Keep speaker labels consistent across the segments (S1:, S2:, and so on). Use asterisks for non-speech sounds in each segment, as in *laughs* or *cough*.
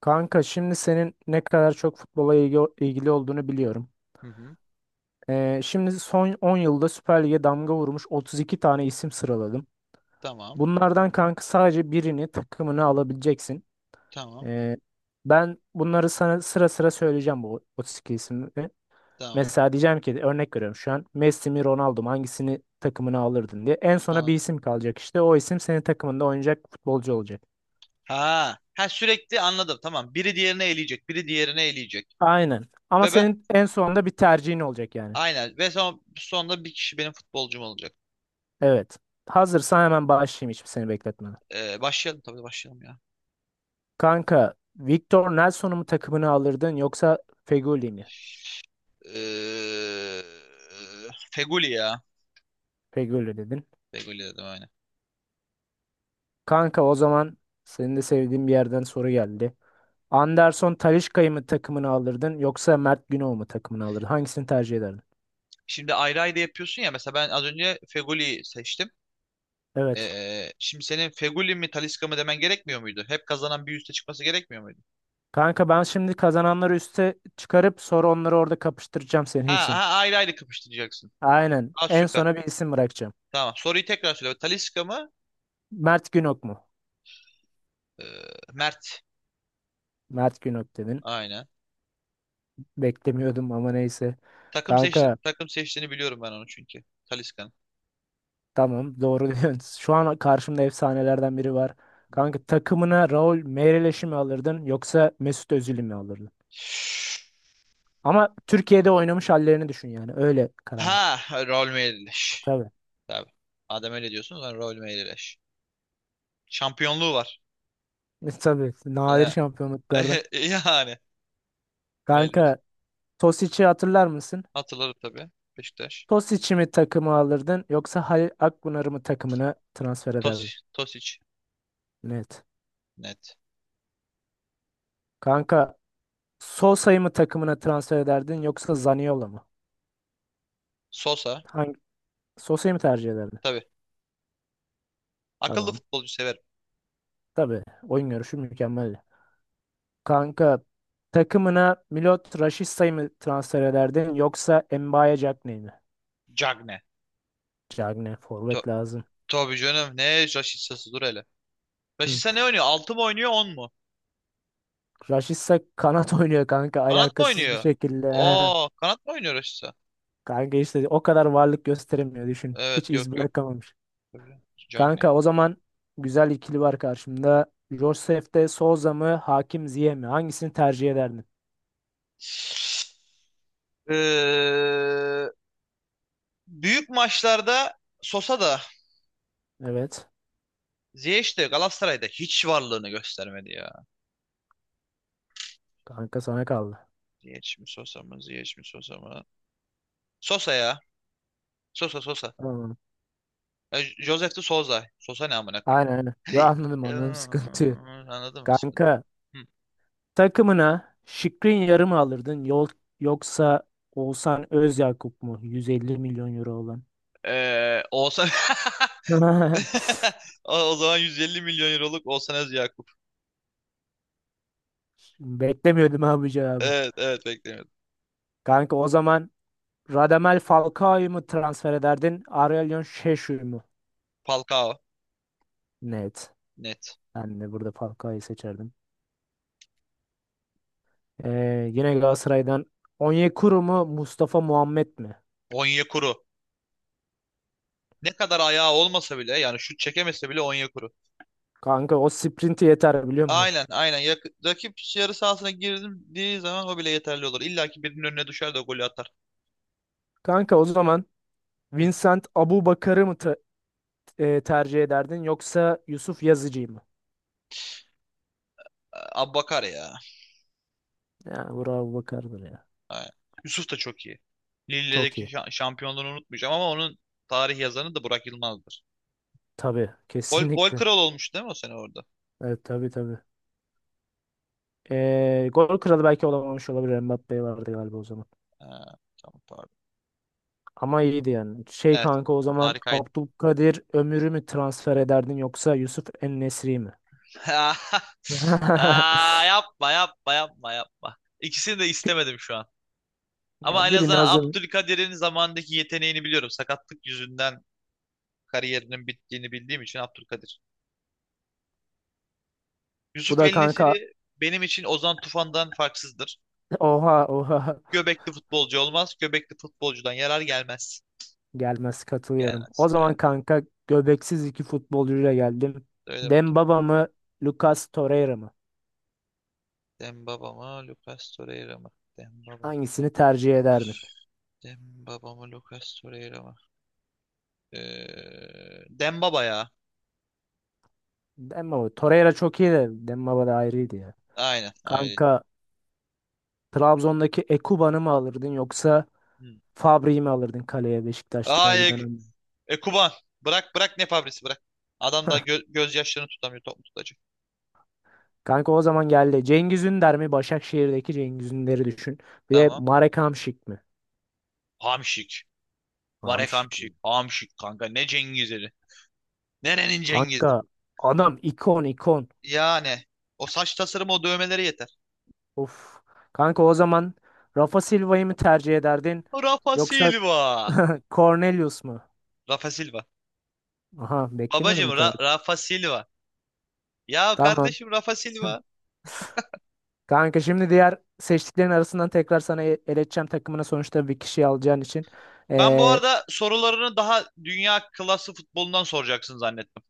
S1: Kanka şimdi senin ne kadar çok futbola ilgili olduğunu biliyorum.
S2: Hı hı.
S1: Şimdi son 10 yılda Süper Lig'e damga vurmuş 32 tane isim sıraladım.
S2: Tamam.
S1: Bunlardan kanka sadece birini takımını alabileceksin.
S2: Tamam.
S1: Ee, ben bunları sana sıra sıra söyleyeceğim bu 32 ismi.
S2: Tamam.
S1: Mesela diyeceğim ki örnek veriyorum şu an Messi mi Ronaldo mu hangisini takımına alırdın diye. En sona bir
S2: Anladım.
S1: isim kalacak işte o isim senin takımında oynayacak futbolcu olacak.
S2: Ha, ha sürekli anladım. Tamam. Biri diğerini eleyecek. Biri diğerini eleyecek.
S1: Aynen ama
S2: Ve ben
S1: senin en sonunda bir tercihin olacak yani.
S2: aynen. Ve sonunda bir kişi benim futbolcum olacak.
S1: Evet. Hazırsan hemen başlayayım hiç seni bekletmeden.
S2: Başlayalım tabii başlayalım ya.
S1: Kanka, Victor Nelson'u mu takımını alırdın yoksa Fegoli mi?
S2: Ee, Feguli ya.
S1: Fegoli dedin.
S2: Feguli dedim aynen.
S1: Kanka o zaman senin de sevdiğin bir yerden soru geldi. Anderson Talisca'yı mı takımını alırdın yoksa Mert Günok'u mu takımını alırdın? Hangisini tercih ederdin?
S2: Şimdi ayrı ayrı yapıyorsun ya. Mesela ben az önce Feguli'yi seçtim.
S1: Evet.
S2: Şimdi senin Feguli mi Talisca mı demen gerekmiyor muydu? Hep kazanan bir üste çıkması gerekmiyor muydu?
S1: Kanka ben şimdi kazananları üste çıkarıp sonra onları orada kapıştıracağım senin
S2: Ha,
S1: için.
S2: ha ayrı ayrı kapıştıracaksın.
S1: Aynen.
S2: Ha,
S1: En
S2: süper.
S1: sona bir isim bırakacağım.
S2: Tamam. Soruyu tekrar söyle. Talisca mı?
S1: Mert Günok mu?
S2: Ee, Mert.
S1: Mert Günok dedin.
S2: Aynen.
S1: Beklemiyordum ama neyse. Kanka
S2: Takım seçtiğini biliyorum ben onu çünkü. Talisca'nın.
S1: tamam, doğru *laughs* diyorsun. Şu an karşımda efsanelerden biri var.
S2: Hı hı.
S1: Kanka takımına Raul Meireles mi alırdın yoksa Mesut Özil'i mi alırdın? Ama Türkiye'de oynamış hallerini düşün yani. Öyle karar ver.
S2: Ha, rol meyleş.
S1: Tabii.
S2: Tabii. Adem öyle diyorsunuz ben rol meyleş. Şampiyonluğu var.
S1: *laughs* Tabii. Nadir
S2: Ya.
S1: şampiyonluklardan.
S2: *laughs* Yani. Meyleş.
S1: Kanka, Tosic'i hatırlar mısın?
S2: Hatırlarım tabii. Beşiktaş.
S1: Tosic'i mi takımı alırdın yoksa Halil Akpınar'ı mı takımına transfer ederdin?
S2: Tosic. Tosic.
S1: Net.
S2: Net.
S1: Kanka Sosa'yı mı takımına transfer ederdin yoksa Zaniolo mu?
S2: Sosa.
S1: Hangi Sosa'yı mı tercih ederdin?
S2: Tabii. Akıllı
S1: Tamam.
S2: futbolcu severim.
S1: Tabii. Oyun görüşü mükemmel. Kanka takımına Milot Rashica mı transfer ederdin yoksa Mbaye Diagne mi?
S2: Cagne.
S1: Diagne,
S2: To
S1: forvet lazım.
S2: tabii canım. Ne Rashica, dur hele.
S1: Hı.
S2: Rashica ne oynuyor? 6 mı oynuyor, 10 mu?
S1: Rashica kanat *laughs* oynuyor kanka,
S2: Kanat mı
S1: alakasız bir
S2: oynuyor?
S1: şekilde.
S2: Oo, kanat mı oynuyor Rashica?
S1: *laughs* Kanka işte o kadar varlık gösteremiyor, düşün. Hiç
S2: Evet,
S1: iz
S2: yok yok.
S1: bırakamamış.
S2: Böyle. Sucak.
S1: Kanka o zaman güzel ikili var karşımda. Josef de Souza mı Hakim Ziyech mi? Hangisini tercih ederdin?
S2: Ee, büyük maçlarda Sosa da
S1: Evet.
S2: Ziyech de Galatasaray'da hiç varlığını göstermedi ya.
S1: Kanka sana kaldı.
S2: Ziyech mi Sosa mı? Ziyech mi Sosa mı? Sosa ya. Sosa Sosa.
S1: Tamam.
S2: Ya, Josef de Sosa. Sosa ne amına koyayım?
S1: Aynen, aynen. Yo,
S2: Hey.
S1: anladım,
S2: Ee,
S1: anladım, sıkıntı yok.
S2: Anladın mı? Sıkıntı yok.
S1: Kanka
S2: Hı.
S1: takımına Şikrin yarı mı alırdın yoksa Oğuzhan Özyakup mu? 150 milyon euro olan.
S2: Oğuzhan.
S1: *laughs*
S2: *laughs* O zaman 150 milyon euroluk Oğuzhan Özyakup.
S1: Beklemiyordum abi bu cevabı.
S2: Evet evet beklemiyordum.
S1: Kanka o zaman Radamel Falcao'yu mu transfer ederdin? Aurelien Şeşu'yu mu?
S2: Falcao
S1: Net.
S2: net.
S1: Ben de burada Falcao'yu seçerdim. Yine Galatasaray'dan Onyekuru mu Mustafa Muhammed mi?
S2: Onyekuru. Ne kadar ayağı olmasa bile yani şut çekemese bile Onyekuru.
S1: Kanka o sprinti yeter, biliyor musun?
S2: Aynen aynen. Rakip yarı sahasına girdiği zaman o bile yeterli olur. İlla ki birinin önüne düşer de o golü atar.
S1: Kanka o zaman
S2: Hı.
S1: Vincent Abubakar'ı mı tercih ederdin yoksa Yusuf Yazıcı'yı mı?
S2: Abbakar ya.
S1: Yani bravo Bakar'dır ya.
S2: Aynen. Yusuf da çok iyi.
S1: Çok
S2: Lille'deki
S1: iyi.
S2: şampiyonluğunu unutmayacağım, ama onun tarih yazanı da Burak Yılmaz'dır.
S1: Tabii.
S2: Gol
S1: Kesinlikle.
S2: kral olmuş değil mi o sene orada?
S1: Evet, tabii, tabii. Gol kralı belki olamamış olabilir. Mbappe vardı galiba o zaman.
S2: Ha, tamam pardon.
S1: Ama iyiydi yani. Şey
S2: Evet.
S1: kanka o zaman
S2: Harikaydı.
S1: Abdülkadir Ömür'ü mü transfer ederdin yoksa Yusuf En-Nesyri mi?
S2: *laughs*
S1: *laughs*
S2: Aa, yapma yapma yapma yapma. İkisini de istemedim şu an.
S1: Ya
S2: Ama en
S1: birini
S2: azından
S1: o.
S2: Abdülkadir'in zamandaki yeteneğini biliyorum. Sakatlık yüzünden kariyerinin bittiğini bildiğim için Abdülkadir.
S1: Bu
S2: Yusuf
S1: da
S2: El
S1: kanka.
S2: Nesiri benim için Ozan Tufan'dan farksızdır.
S1: Oha, oha.
S2: Göbekli futbolcu olmaz. Göbekli futbolcudan yarar gelmez.
S1: Gelmez, katılıyorum.
S2: Gelmez.
S1: O zaman
S2: Aynen.
S1: kanka göbeksiz iki futbolcuyla geldim.
S2: Öyle bakayım.
S1: Dembaba mı Lucas Torreira mı?
S2: Dembaba mı? Lucas Torreira mı? Dembaba.
S1: Hangisini tercih ederdin?
S2: Dembaba mı? Lucas Torreira mı? Dembaba ya.
S1: Dembaba. Torreira çok iyi de Dembaba da ayrıydı ya.
S2: Aynen. Aynen.
S1: Kanka Trabzon'daki Ekuban'ı mı alırdın yoksa
S2: Hı.
S1: Fabri'yi mi alırdın kaleye Beşiktaş'ta bir
S2: Ay,
S1: dönem?
S2: Kuban. Bırak bırak, ne fabrisi bırak. Adam da gözyaşlarını tutamıyor, top tutacak.
S1: Kanka o zaman geldi. Cengiz Ünder mi? Başakşehir'deki Cengiz Ünder'i düşün. Bir de
S2: Tamam.
S1: Marek Hamšík mi?
S2: Hamşik. Marek
S1: Hamšík,
S2: Hamşik.
S1: iyi.
S2: Hamşik kanka. Ne Cengiz'i? Nerenin Cengiz'i?
S1: Kanka adam ikon, ikon.
S2: Yani. O saç tasarımı, o dövmeleri yeter.
S1: Of. Kanka o zaman Rafa Silva'yı mı tercih ederdin?
S2: Rafa
S1: Yoksa
S2: Silva.
S1: Cornelius mu?
S2: Rafa Silva.
S1: Aha, beklemiyordum
S2: Babacım
S1: bu kadar.
S2: Rafa Silva. Ya
S1: Tamam.
S2: kardeşim, Rafa Silva.
S1: Kanka şimdi diğer seçtiklerin arasından tekrar sana eleyeceğim, takımına sonuçta bir kişi alacağın için.
S2: Ben bu
S1: Ee,
S2: arada sorularını daha dünya klası futbolundan soracaksın zannettim.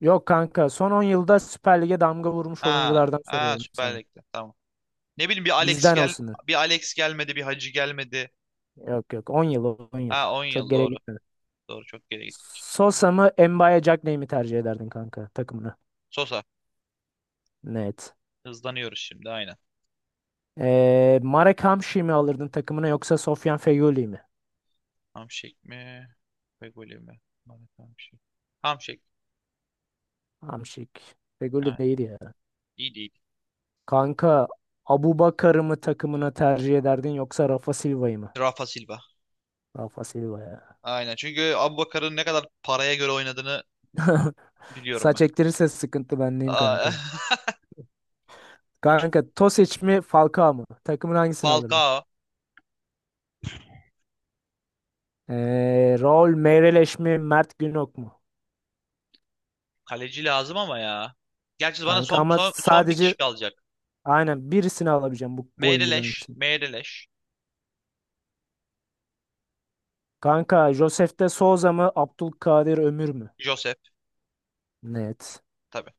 S1: yok kanka, son 10 yılda Süper Lig'e damga vurmuş
S2: Ha,
S1: oyunculardan
S2: ha
S1: soruyorum
S2: Süper
S1: sana.
S2: Lig'de. Tamam. Ne bileyim,
S1: Bizden olsun.
S2: bir Alex gelmedi, bir Hacı gelmedi.
S1: Yok, yok, 10 yıl, 10 yıl.
S2: Ha, 10
S1: Çok
S2: yıl
S1: geriye
S2: doğru.
S1: gitmedi.
S2: Doğru, çok geri gitti.
S1: Sosa mı Mbaye Jack mi tercih ederdin kanka takımına?
S2: Sosa.
S1: Net.
S2: Hızlanıyoruz şimdi aynen.
S1: Marek Hamşik'i mi alırdın takımına yoksa Sofyan Feghouli mi?
S2: Hamşik mi? Fegoli mi? Mehmet Hamşik. Hamşik.
S1: Hamşik. Feghouli
S2: Aynen.
S1: değil ya.
S2: İyi değil.
S1: Kanka Abubakar'ı mı takımına tercih ederdin yoksa Rafa Silva'yı mı?
S2: Rafa Silva.
S1: Rafa Silva ya.
S2: Aynen. Çünkü Abubakar'ın ne kadar paraya göre oynadığını
S1: *laughs*
S2: biliyorum
S1: Saç
S2: ben.
S1: ektirirse sıkıntı bendeyim
S2: Aa,
S1: kanka. Kanka Tosic mi Falcao mu? Takımın
S2: *laughs*
S1: hangisini alırdın?
S2: Falcao.
S1: Raul Meireles mi Mert Günok mu?
S2: Kaleci lazım ama ya. Gerçi bana
S1: Kanka
S2: son
S1: ama
S2: son, son bir
S1: sadece
S2: kişi kalacak.
S1: aynen birisini alabileceğim bu oyuncuların
S2: Meireles.
S1: için.
S2: Meireles.
S1: Kanka Josef de Souza mı Abdülkadir Ömür mü?
S2: Josep.
S1: Net.
S2: Tabii.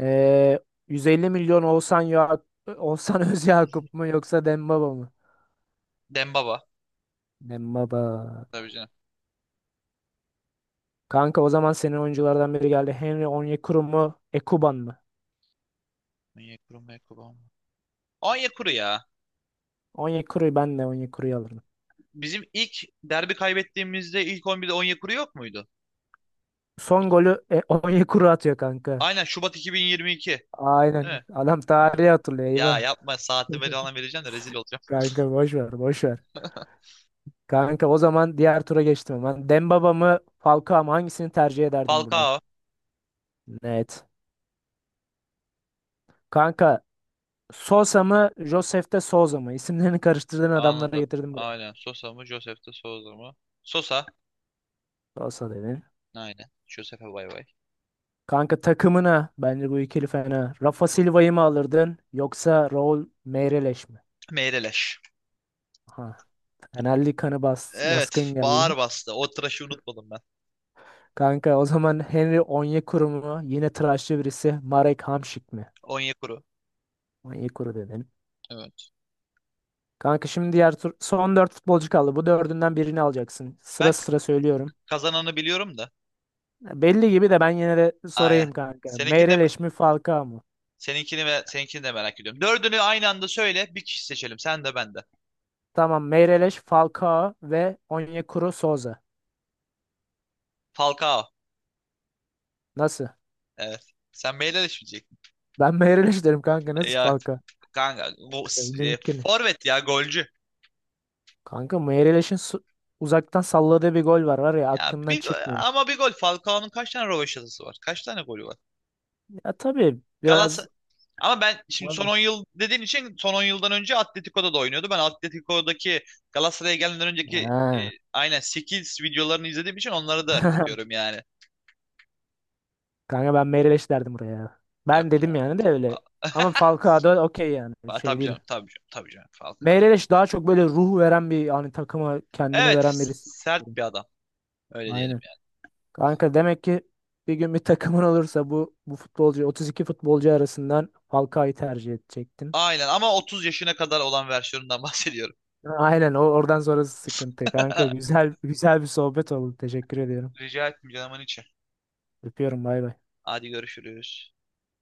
S1: Ee, 150 milyon Oğuzhan, ya Oğuzhan *laughs* Özyakup mu
S2: *laughs*
S1: yoksa Dembaba mı?
S2: Dembaba.
S1: Dembaba.
S2: Tabii canım.
S1: Kanka o zaman senin oyunculardan biri geldi. Henry Onyekuru mu? Ekuban mı?
S2: Onyekuru Mekuru ama. Onyekuru ya.
S1: Onyekuru'yu, ben de Onyekuru'yu alırım.
S2: Bizim ilk derbi kaybettiğimizde ilk 11'de Onyekuru yok muydu?
S1: Son
S2: İlk-
S1: golü Onyekuru atıyor kanka.
S2: Aynen, Şubat 2022. Değil
S1: Aynen.
S2: mi?
S1: Adam tarihi hatırlıyor,
S2: Ya
S1: eyvah.
S2: yapma, saatini ver
S1: *laughs*
S2: falan vereceğim de rezil olacağım.
S1: Kanka boş ver, boş ver. Kanka o zaman diğer tura geçtim hemen. Dembaba mı Falcao mı, hangisini tercih ederdim burada?
S2: Falcao.
S1: Net. Kanka Sosa mı Josef de Souza mı? İsimlerini karıştırdığın adamları
S2: Anladım.
S1: getirdim buraya.
S2: Aynen. Sosa mı? Josef de Souza mı? Sosa.
S1: Sosa dedin.
S2: Aynen. Josef'e bay bay.
S1: Kanka takımına bence bu ikili fena. Rafa Silva'yı mı alırdın yoksa Raul Meireles mi?
S2: Meyreleş.
S1: Ha, Fenerli kanı
S2: Evet.
S1: baskın geldi.
S2: Bağır bastı. O tıraşı unutmadım ben.
S1: Kanka o zaman Henry Onyekuru mu? Yine tıraşlı birisi. Marek Hamšík mi?
S2: Onyekuru.
S1: Onyekuru dedin.
S2: Evet.
S1: Kanka şimdi diğer tur, son 4 futbolcu kaldı. Bu dördünden birini alacaksın. Sıra
S2: Ben
S1: sıra söylüyorum.
S2: kazananı biliyorum da.
S1: Belli gibi de ben yine de
S2: Aynen.
S1: sorayım kanka.
S2: Seninkini de,
S1: Meireles mi Falcao mu?
S2: seninkini de merak ediyorum. Dördünü aynı anda söyle. Bir kişi seçelim. Sen de ben de.
S1: Tamam, Meireles, Falcao ve Onyekuru, Souza.
S2: Falcao.
S1: Nasıl?
S2: Evet. Sen Meyreleş mi?
S1: Ben Meireles derim kanka. Nasıl
S2: Ya
S1: Falcao?
S2: kanka,
S1: Ya, mümkün.
S2: forvet ya. Golcü.
S1: Kanka Meireles'in uzaktan salladığı bir gol var ya,
S2: Ya
S1: aklımdan çıkmıyor.
S2: ama bir gol. Falcao'nun kaç tane rövaşatası var? Kaç tane golü var?
S1: Ya tabii biraz...
S2: Galatasaray, ama ben şimdi son 10 yıl dediğin için son 10 yıldan önce Atletico'da da oynuyordu. Ben Atletico'daki Galatasaray'a gelmeden önceki
S1: Ha.
S2: aynen 8 videolarını izlediğim için onları da
S1: *laughs*
S2: katıyorum yani.
S1: Kanka ben Meireles derdim buraya.
S2: Yok
S1: Ben
S2: ya.
S1: dedim yani, de öyle. Ama Falcao da okey yani,
S2: Aa, *laughs*
S1: şey
S2: tabii
S1: değil.
S2: canım, tabii canım, tabii canım. Falcao, ya.
S1: Meireles daha çok böyle ruh veren, bir hani takıma kendini
S2: Evet,
S1: veren birisi.
S2: sert bir adam. Öyle diyelim,
S1: Aynen.
S2: ya.
S1: Kanka demek ki bir gün bir takımın olursa bu futbolcu 32 futbolcu arasından Falcao'yu tercih edecektin.
S2: Aynen, ama 30 yaşına kadar olan versiyonundan bahsediyorum.
S1: Aynen o, oradan sonrası sıkıntı. Kanka
S2: *laughs*
S1: güzel güzel bir sohbet oldu. Teşekkür ediyorum.
S2: Rica etmeyeceğim canımın içi.
S1: Öpüyorum, bay bay.
S2: Hadi görüşürüz.